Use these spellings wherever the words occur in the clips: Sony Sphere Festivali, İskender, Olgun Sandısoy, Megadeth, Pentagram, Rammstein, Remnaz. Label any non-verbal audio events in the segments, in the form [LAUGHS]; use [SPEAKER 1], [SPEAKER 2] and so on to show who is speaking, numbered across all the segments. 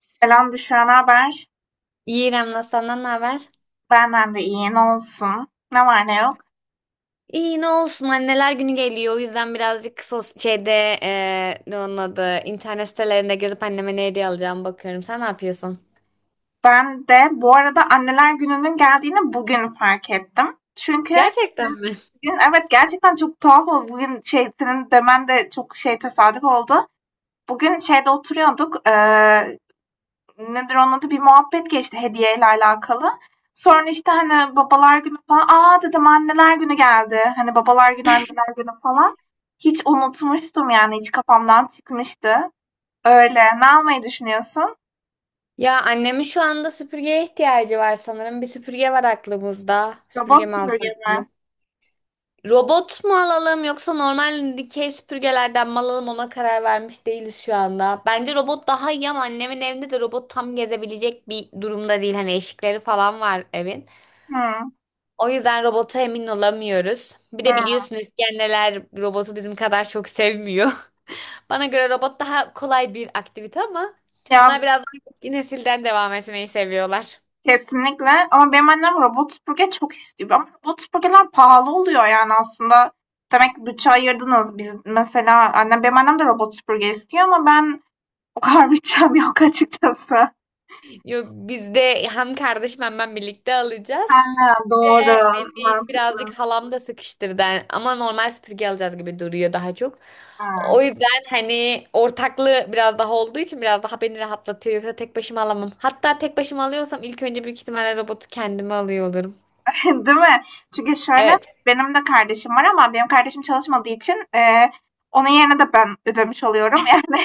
[SPEAKER 1] Selam Büşra, ne haber?
[SPEAKER 2] İyi İrem'le senden ne haber?
[SPEAKER 1] Benden de iyi, ne olsun? Ne var ne yok?
[SPEAKER 2] İyi ne olsun anneler günü geliyor o yüzden birazcık sos şeyde ne onun adı internet sitelerinde gezip anneme ne hediye alacağımı bakıyorum. Sen ne yapıyorsun?
[SPEAKER 1] Ben de bu arada Anneler Günü'nün geldiğini bugün fark ettim. Çünkü
[SPEAKER 2] Gerçekten
[SPEAKER 1] bugün,
[SPEAKER 2] mi?
[SPEAKER 1] bugün evet gerçekten çok tuhaf oldu. Bugün şey, senin demen de çok şey tesadüf oldu. Bugün şeyde oturuyorduk, nedir onun adı? Bir muhabbet geçti hediyeyle alakalı. Sonra işte hani babalar günü falan, aa dedim anneler günü geldi. Hani babalar günü, anneler günü falan. Hiç unutmuştum yani, hiç kafamdan çıkmıştı. Öyle. Ne almayı düşünüyorsun?
[SPEAKER 2] Ya annemin şu anda süpürgeye ihtiyacı var sanırım. Bir süpürge var aklımızda. Süpürge
[SPEAKER 1] Robot
[SPEAKER 2] mi
[SPEAKER 1] süpürge
[SPEAKER 2] alsak diyeyim.
[SPEAKER 1] mi?
[SPEAKER 2] Robot mu alalım yoksa normal dikey süpürgelerden mi alalım ona karar vermiş değiliz şu anda. Bence robot daha iyi ama annemin evinde de robot tam gezebilecek bir durumda değil. Hani eşikleri falan var evin.
[SPEAKER 1] Hımm,
[SPEAKER 2] O yüzden robota emin olamıyoruz. Bir de
[SPEAKER 1] hımm.
[SPEAKER 2] biliyorsunuz İskender robotu bizim kadar çok sevmiyor. [LAUGHS] Bana göre robot daha kolay bir aktivite ama
[SPEAKER 1] Ya,
[SPEAKER 2] onlar biraz daha eski nesilden devam etmeyi seviyorlar.
[SPEAKER 1] kesinlikle ama benim annem robot süpürge çok istiyor ama robot süpürgeler pahalı oluyor, yani, aslında. Demek ki bütçe ayırdınız. Biz mesela annem benim annem de robot süpürge istiyor ama ben o kadar [LAUGHS] bütçem yok açıkçası.
[SPEAKER 2] Yok biz de hem kardeşim hem ben birlikte alacağız.
[SPEAKER 1] Ha,
[SPEAKER 2] Ve
[SPEAKER 1] doğru,
[SPEAKER 2] beni birazcık
[SPEAKER 1] mantıklı.
[SPEAKER 2] halam da sıkıştırdı ama normal süpürge alacağız gibi duruyor daha çok.
[SPEAKER 1] Ha.
[SPEAKER 2] O yüzden hani ortaklığı biraz daha olduğu için biraz daha beni rahatlatıyor. Yoksa tek başıma alamam. Hatta tek başıma alıyorsam ilk önce büyük ihtimalle robotu kendime alıyor olurum.
[SPEAKER 1] [LAUGHS] Değil mi? Çünkü şöyle,
[SPEAKER 2] Evet,
[SPEAKER 1] benim de kardeşim var ama benim kardeşim çalışmadığı için, onun yerine de ben ödemiş oluyorum, [LAUGHS] yani.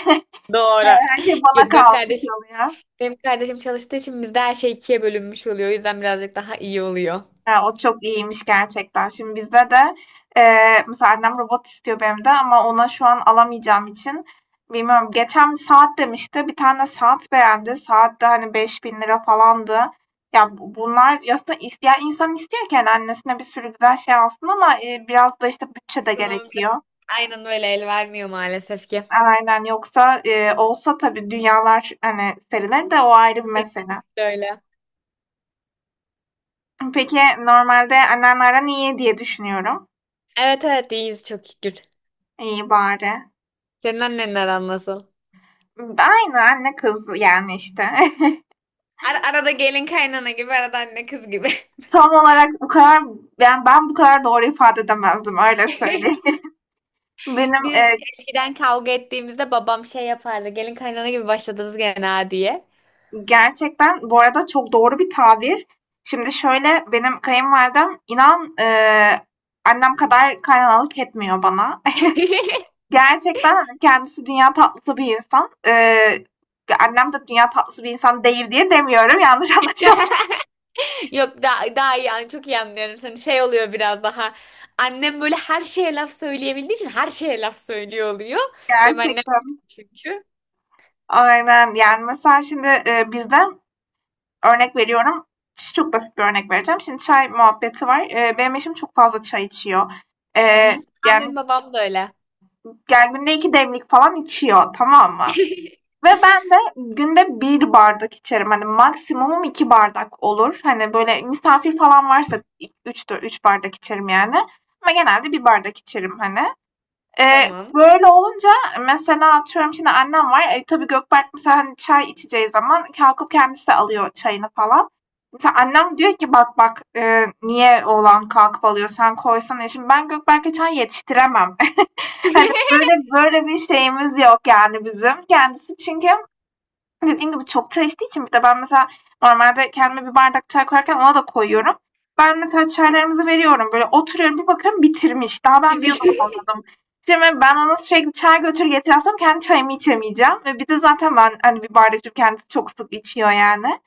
[SPEAKER 2] doğru.
[SPEAKER 1] Evet, her şey bana
[SPEAKER 2] Yok benim
[SPEAKER 1] kalmış
[SPEAKER 2] kardeşim
[SPEAKER 1] oluyor.
[SPEAKER 2] çalıştığı için bizde her şey ikiye bölünmüş oluyor. O yüzden birazcık daha iyi oluyor.
[SPEAKER 1] Ha, o çok iyiymiş gerçekten. Şimdi bizde de mesela annem robot istiyor benim de ama ona şu an alamayacağım için bilmiyorum. Geçen bir saat demişti. Bir tane saat beğendi. Saat de hani 5.000 lira falandı. Ya bunlar aslında isteyen insan istiyor ki hani annesine bir sürü güzel şey alsın ama biraz da işte bütçe de
[SPEAKER 2] Ekonomi biraz
[SPEAKER 1] gerekiyor.
[SPEAKER 2] aynen öyle el vermiyor maalesef ki.
[SPEAKER 1] Aynen yoksa olsa tabii dünyalar hani serilir de o ayrı bir mesele.
[SPEAKER 2] Kesinlikle öyle.
[SPEAKER 1] Peki normalde annenlerden iyi diye düşünüyorum.
[SPEAKER 2] Evet evet iyiyiz çok şükür.
[SPEAKER 1] İyi bari.
[SPEAKER 2] Senin annenin aran nasıl?
[SPEAKER 1] Aynı anne kız yani işte. [LAUGHS]
[SPEAKER 2] Arada gelin kaynana gibi, arada anne kız gibi.
[SPEAKER 1] Tam olarak bu kadar ben bu kadar doğru ifade edemezdim öyle söyleyeyim.
[SPEAKER 2] [LAUGHS]
[SPEAKER 1] [LAUGHS] Benim
[SPEAKER 2] Biz eskiden kavga ettiğimizde babam şey yapardı. Gelin kaynana gibi başladınız gene ha diye.
[SPEAKER 1] gerçekten bu arada çok doğru bir tabir. Şimdi şöyle benim kayınvalidem inan annem kadar kaynanalık etmiyor bana. [LAUGHS] Gerçekten hani kendisi dünya tatlısı bir insan. Annem de dünya tatlısı bir insan değil diye demiyorum. [LAUGHS] Yanlış
[SPEAKER 2] [LAUGHS]
[SPEAKER 1] anlaşılmasın
[SPEAKER 2] Yok daha iyi çok iyi anlıyorum seni. Şey oluyor biraz daha. Annem böyle her şeye laf söyleyebildiği için her şeye laf söylüyor oluyor. Benim annem öyle
[SPEAKER 1] gerçekten.
[SPEAKER 2] çünkü.
[SPEAKER 1] Aynen. Yani mesela şimdi, bizde örnek veriyorum, çok basit bir örnek vereceğim. Şimdi çay muhabbeti var. Benim eşim çok fazla çay içiyor.
[SPEAKER 2] Hı
[SPEAKER 1] Eee,
[SPEAKER 2] hı. Ha,
[SPEAKER 1] yani,
[SPEAKER 2] benim babam da öyle.
[SPEAKER 1] yani günde 2 demlik falan içiyor, tamam mı?
[SPEAKER 2] [LAUGHS]
[SPEAKER 1] Ve ben de günde bir bardak içerim. Hani maksimumum 2 bardak olur. Hani, böyle, misafir falan varsa i üçtür 3 bardak içerim yani ama genelde bir bardak içerim, hani.
[SPEAKER 2] Tamam.
[SPEAKER 1] Böyle olunca mesela atıyorum şimdi annem var. Tabii Gökberk mesela hani çay içeceği zaman kalkıp kendisi de alıyor çayını falan. Mesela annem diyor ki bak bak niye oğlan kalkıp alıyor sen koysana. Şimdi ben Gökberk'e çay yetiştiremem. [LAUGHS] Hani
[SPEAKER 2] [LAUGHS]
[SPEAKER 1] böyle böyle bir şeyimiz yok yani bizim. Kendisi çünkü hani dediğim gibi çok çay içtiği için bir de ben mesela normalde kendime bir bardak çay koyarken ona da koyuyorum. Ben mesela çaylarımızı veriyorum. Böyle oturuyorum bir bakıyorum bitirmiş. Daha ben bir
[SPEAKER 2] Girmiş.
[SPEAKER 1] yudum almadım. Şimdi ben ona sürekli çay götür getir yaptım. Kendi çayımı içemeyeceğim. Ve bir de zaten ben hani bir bardak içiyorum. Kendisi çok sık içiyor yani.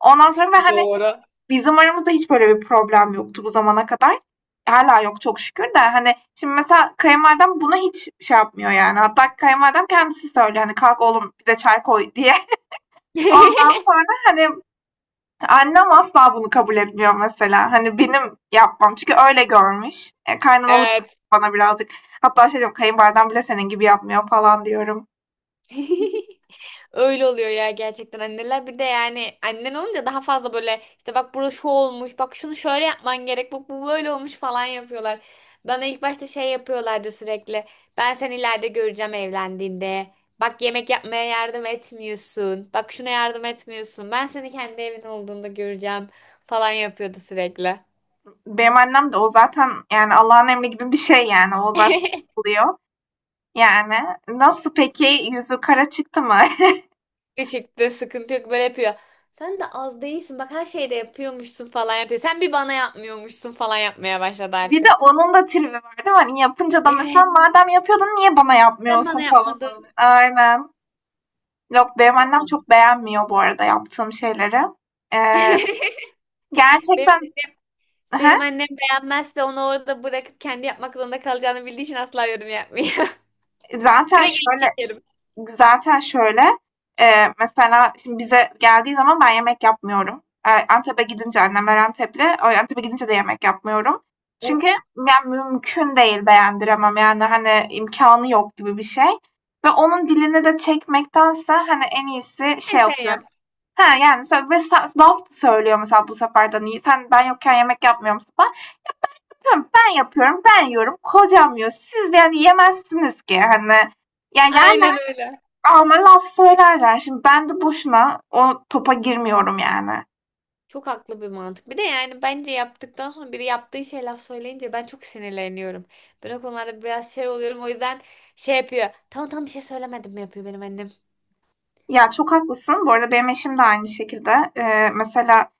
[SPEAKER 1] Ondan sonra ve
[SPEAKER 2] [LAUGHS]
[SPEAKER 1] hani
[SPEAKER 2] Doğru.
[SPEAKER 1] bizim aramızda hiç böyle bir problem yoktu bu zamana kadar. Hala yok çok şükür de hani şimdi mesela kayınvalidem buna hiç şey yapmıyor yani. Hatta kayınvalidem kendisi söylüyor hani kalk oğlum bize çay koy diye. Ondan
[SPEAKER 2] [LAUGHS]
[SPEAKER 1] sonra hani annem asla bunu kabul etmiyor mesela. Hani benim yapmam. Çünkü öyle görmüş. Kaynanalık
[SPEAKER 2] Evet.
[SPEAKER 1] bana birazcık. Hatta şey diyorum kayınvaliden bile senin gibi yapmıyor falan diyorum.
[SPEAKER 2] [LAUGHS] Öyle oluyor ya gerçekten anneler bir de yani annen olunca daha fazla böyle işte bak burası şu olmuş bak şunu şöyle yapman gerek bak bu böyle olmuş falan yapıyorlar. Bana ilk başta şey yapıyorlardı sürekli ben seni ileride göreceğim evlendiğinde bak yemek yapmaya yardım etmiyorsun bak şuna yardım etmiyorsun ben seni kendi evin olduğunda göreceğim falan yapıyordu sürekli.
[SPEAKER 1] Benim annem de o zaten yani Allah'ın emri gibi bir şey yani. O zaten
[SPEAKER 2] [LAUGHS]
[SPEAKER 1] oluyor. Yani nasıl peki yüzü kara çıktı mı?
[SPEAKER 2] Küçüktü sıkıntı yok böyle yapıyor. Sen de az değilsin bak her şeyde yapıyormuşsun falan yapıyor. Sen bir bana yapmıyormuşsun falan yapmaya başladı
[SPEAKER 1] [LAUGHS] Bir de
[SPEAKER 2] artık.
[SPEAKER 1] onun da tribi var değil mi? Hani yapınca da mesela
[SPEAKER 2] Evet.
[SPEAKER 1] madem yapıyordun niye bana
[SPEAKER 2] Sen
[SPEAKER 1] yapmıyorsun
[SPEAKER 2] bana
[SPEAKER 1] falan.
[SPEAKER 2] yapmadın.
[SPEAKER 1] Aynen. Yok benim annem çok beğenmiyor bu arada yaptığım şeyleri. Ee,
[SPEAKER 2] [LAUGHS] Benim,
[SPEAKER 1] Gerçekten. Hı.
[SPEAKER 2] Benim annem beğenmezse onu orada bırakıp kendi yapmak zorunda kalacağını bildiği için asla yorum yapmıyor. [LAUGHS]
[SPEAKER 1] Zaten
[SPEAKER 2] Direkt elini
[SPEAKER 1] şöyle
[SPEAKER 2] çekerim.
[SPEAKER 1] zaten şöyle, mesela şimdi bize geldiği zaman ben yemek yapmıyorum. Antep'e gidince annemler Antepli. O Antep'e gidince de yemek yapmıyorum. Çünkü
[SPEAKER 2] Oh.
[SPEAKER 1] yani mümkün değil beğendiremem. Yani, hani, imkanı yok gibi bir şey ve onun dilini de çekmektense, hani, en iyisi
[SPEAKER 2] E
[SPEAKER 1] şey
[SPEAKER 2] sen yap.
[SPEAKER 1] yapıyorum. He, yani, mesela ve sa laf söylüyor mesela bu sefer de, hani, sen ben yokken yemek yapmıyorum. Hem ben yapıyorum, ben yiyorum. Kocam yiyor. Siz de yani yemezsiniz ki hani. Ya yerler
[SPEAKER 2] Aynen öyle.
[SPEAKER 1] ama laf söylerler. Şimdi ben de boşuna o topa girmiyorum yani.
[SPEAKER 2] Çok haklı bir mantık. Bir de yani bence yaptıktan sonra biri yaptığı şey laf söyleyince ben çok sinirleniyorum. Ben o konularda biraz şey oluyorum. O yüzden şey yapıyor. Tamam tamam bir şey söylemedim yapıyor benim annem.
[SPEAKER 1] Ya çok haklısın. Bu arada benim eşim de aynı şekilde. Mesela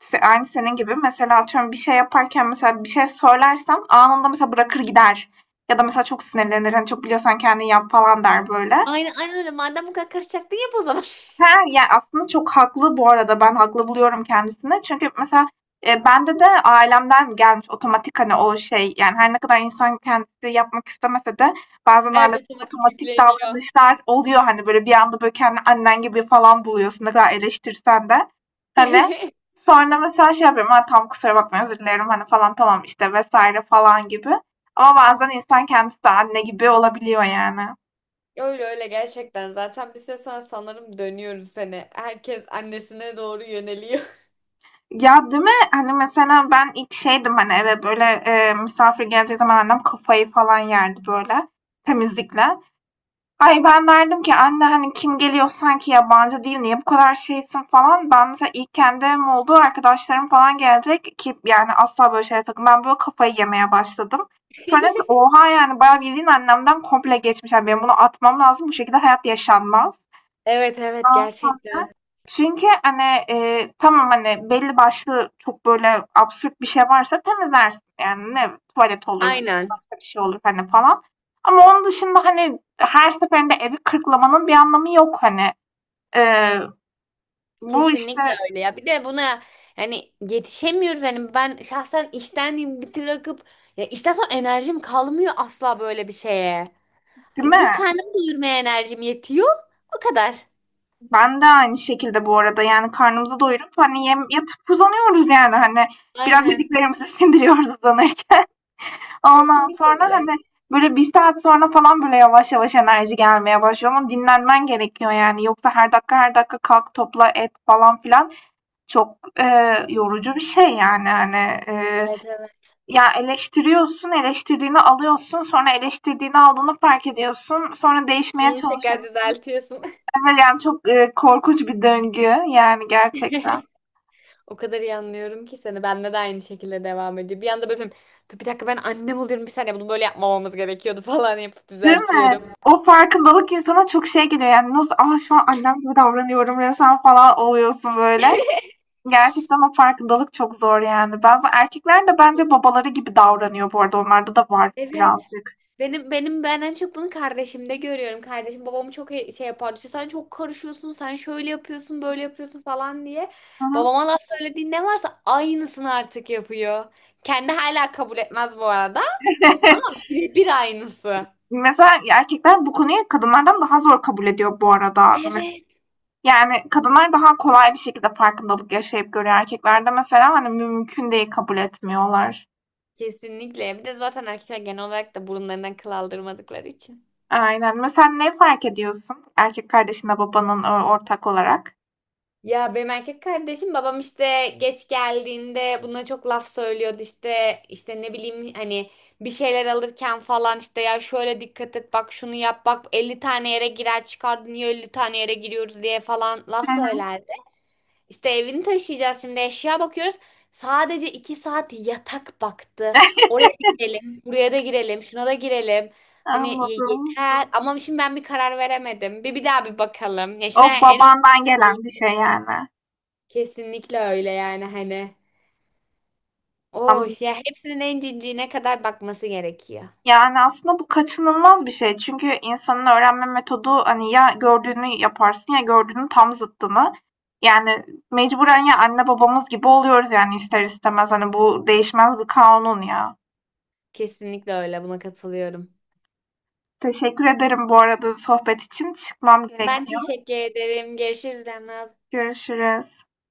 [SPEAKER 1] aynı senin gibi. Mesela atıyorum bir şey yaparken mesela bir şey söylersem anında mesela bırakır gider. Ya da mesela çok sinirlenir. Hani çok biliyorsan kendin yap falan der böyle.
[SPEAKER 2] Aynen aynen öyle. Madem bu kadar karışacaktın yap o zaman. [LAUGHS]
[SPEAKER 1] He, ya, aslında çok haklı bu arada. Ben haklı buluyorum kendisini. Çünkü mesela, bende de ailemden gelmiş otomatik, hani, o şey, yani, her ne kadar insan kendisi yapmak istemese de bazen
[SPEAKER 2] Evet
[SPEAKER 1] ailede
[SPEAKER 2] otomatik
[SPEAKER 1] otomatik
[SPEAKER 2] yükleniyor.
[SPEAKER 1] davranışlar oluyor. Hani, böyle, bir anda, böyle, kendini annen gibi falan buluyorsun ne kadar eleştirsen de. Hani,
[SPEAKER 2] [LAUGHS]
[SPEAKER 1] sonra mesela şey yapıyorum, "A, tam kusura bakma, özür dilerim." hani, falan, "Tamam, işte." vesaire falan gibi. Ama bazen insan kendisi de anne gibi olabiliyor yani.
[SPEAKER 2] Öyle öyle gerçekten. Zaten bir süre sonra sanırım dönüyoruz seni. Herkes annesine doğru yöneliyor.
[SPEAKER 1] Ya değil mi? Hani mesela ben ilk şeydim hani eve böyle misafir geleceği zaman annem kafayı falan yerdi böyle temizlikle. Ay ben derdim ki anne hani kim geliyor sanki yabancı değil niye bu kadar şeysin falan. Ben mesela ilk kendi evim oldu arkadaşlarım falan gelecek ki yani asla böyle şeylere takım. Ben böyle kafayı yemeye başladım. Sonra dedim ki
[SPEAKER 2] [LAUGHS]
[SPEAKER 1] oha yani bayağı bildiğin annemden komple geçmiş. Yani benim bunu atmam lazım bu şekilde hayat yaşanmaz.
[SPEAKER 2] Evet evet gerçekten.
[SPEAKER 1] Çünkü hani, tamam, hani, belli başlı çok böyle absürt bir şey varsa temizlersin. Yani ne tuvalet olur ya da
[SPEAKER 2] Aynen.
[SPEAKER 1] başka bir şey olur, hani, falan. Ama onun dışında, hani, her seferinde evi kırklamanın bir anlamı yok, hani. Eee, bu,
[SPEAKER 2] Kesinlikle
[SPEAKER 1] işte.
[SPEAKER 2] öyle ya. Bir de buna yani yetişemiyoruz. Hani ben şahsen işten bırakıp ya işten sonra enerjim kalmıyor asla böyle bir şeye.
[SPEAKER 1] Değil mi?
[SPEAKER 2] Bir karnım doyurmaya enerjim yetiyor. O kadar.
[SPEAKER 1] Ben de aynı şekilde bu arada, yani, karnımızı doyurup, hani, yem yatıp uzanıyoruz, yani, hani. Biraz
[SPEAKER 2] Aynen.
[SPEAKER 1] yediklerimizi [LAUGHS] sindiriyoruz uzanırken. Ondan
[SPEAKER 2] Kesinlikle
[SPEAKER 1] sonra,
[SPEAKER 2] öyle.
[SPEAKER 1] hani, böyle bir saat sonra falan böyle yavaş yavaş enerji gelmeye başlıyor ama dinlenmen gerekiyor yani. Yoksa her dakika her dakika kalk, topla, et falan filan çok, yorucu bir şey yani, hani.
[SPEAKER 2] Evet evet.
[SPEAKER 1] Ya eleştiriyorsun, eleştirdiğini alıyorsun, sonra eleştirdiğini aldığını fark ediyorsun, sonra değişmeye
[SPEAKER 2] Onu tekrar
[SPEAKER 1] çalışıyorsun.
[SPEAKER 2] düzeltiyorsun.
[SPEAKER 1] Evet, yani çok, korkunç bir döngü yani gerçekten.
[SPEAKER 2] [LAUGHS] O kadar iyi anlıyorum ki seni. Bende de aynı şekilde devam ediyor. Bir anda böyle yapıyorum, dur bir dakika ben annem oluyorum. Bir saniye bunu böyle yapmamamız gerekiyordu [LAUGHS] falan yapıp
[SPEAKER 1] Değil mi?
[SPEAKER 2] düzeltiyorum.
[SPEAKER 1] O farkındalık insana çok şey geliyor yani nasıl, ah şu an annem gibi davranıyorum resmen." falan oluyorsun böyle.
[SPEAKER 2] [LAUGHS]
[SPEAKER 1] Gerçekten o farkındalık çok zor yani. Bazı erkekler de bence babaları gibi davranıyor bu arada. Onlarda da var
[SPEAKER 2] Evet.
[SPEAKER 1] birazcık.
[SPEAKER 2] Ben en çok bunu kardeşimde görüyorum. Kardeşim babamı çok şey yapardı. İşte sen çok karışıyorsun, sen şöyle yapıyorsun, böyle yapıyorsun falan diye.
[SPEAKER 1] Hı hı.
[SPEAKER 2] Babama laf söylediğin ne varsa aynısını artık yapıyor. Kendi hala kabul etmez bu arada ama
[SPEAKER 1] [LAUGHS]
[SPEAKER 2] birebir aynısı.
[SPEAKER 1] Mesela erkekler bu konuyu kadınlardan daha zor kabul ediyor bu arada.
[SPEAKER 2] Evet.
[SPEAKER 1] Yani kadınlar daha kolay bir şekilde farkındalık yaşayıp görüyor. Erkeklerde mesela hani mümkün değil kabul etmiyorlar.
[SPEAKER 2] Kesinlikle. Bir de zaten erkekler genel olarak da burunlarından kıl aldırmadıkları için.
[SPEAKER 1] Aynen. Mesela ne fark ediyorsun? Erkek kardeşinle babanın ortak olarak.
[SPEAKER 2] Ya benim erkek kardeşim babam işte geç geldiğinde buna çok laf söylüyordu işte ne bileyim hani bir şeyler alırken falan işte ya şöyle dikkat et bak şunu yap bak 50 tane yere girer çıkar niye 50 tane yere giriyoruz diye falan
[SPEAKER 1] Hı
[SPEAKER 2] laf
[SPEAKER 1] hı.
[SPEAKER 2] söylerdi. İşte evini taşıyacağız şimdi eşya bakıyoruz sadece 2 saat yatak baktı
[SPEAKER 1] [LAUGHS]
[SPEAKER 2] oraya da girelim buraya da girelim şuna da girelim. Hani
[SPEAKER 1] Anladım.
[SPEAKER 2] yeter ama şimdi ben bir karar veremedim. Bir daha bir bakalım. Ya şimdi
[SPEAKER 1] O
[SPEAKER 2] en uygun.
[SPEAKER 1] babandan gelen bir şey yani.
[SPEAKER 2] Kesinlikle öyle yani hani. Oh ya hepsinin en cinciğine kadar bakması gerekiyor.
[SPEAKER 1] Yani, aslında bu kaçınılmaz bir şey. Çünkü insanın öğrenme metodu, hani, ya gördüğünü yaparsın ya gördüğünün tam zıttını. Yani, mecburen ya anne babamız gibi oluyoruz, yani, ister istemez. Hani, bu değişmez bir kanun ya.
[SPEAKER 2] Kesinlikle öyle buna katılıyorum.
[SPEAKER 1] Teşekkür ederim bu arada sohbet için. Çıkmam
[SPEAKER 2] Ben
[SPEAKER 1] gerekiyor.
[SPEAKER 2] teşekkür ederim. Görüşürüz Remnaz.
[SPEAKER 1] Görüşürüz.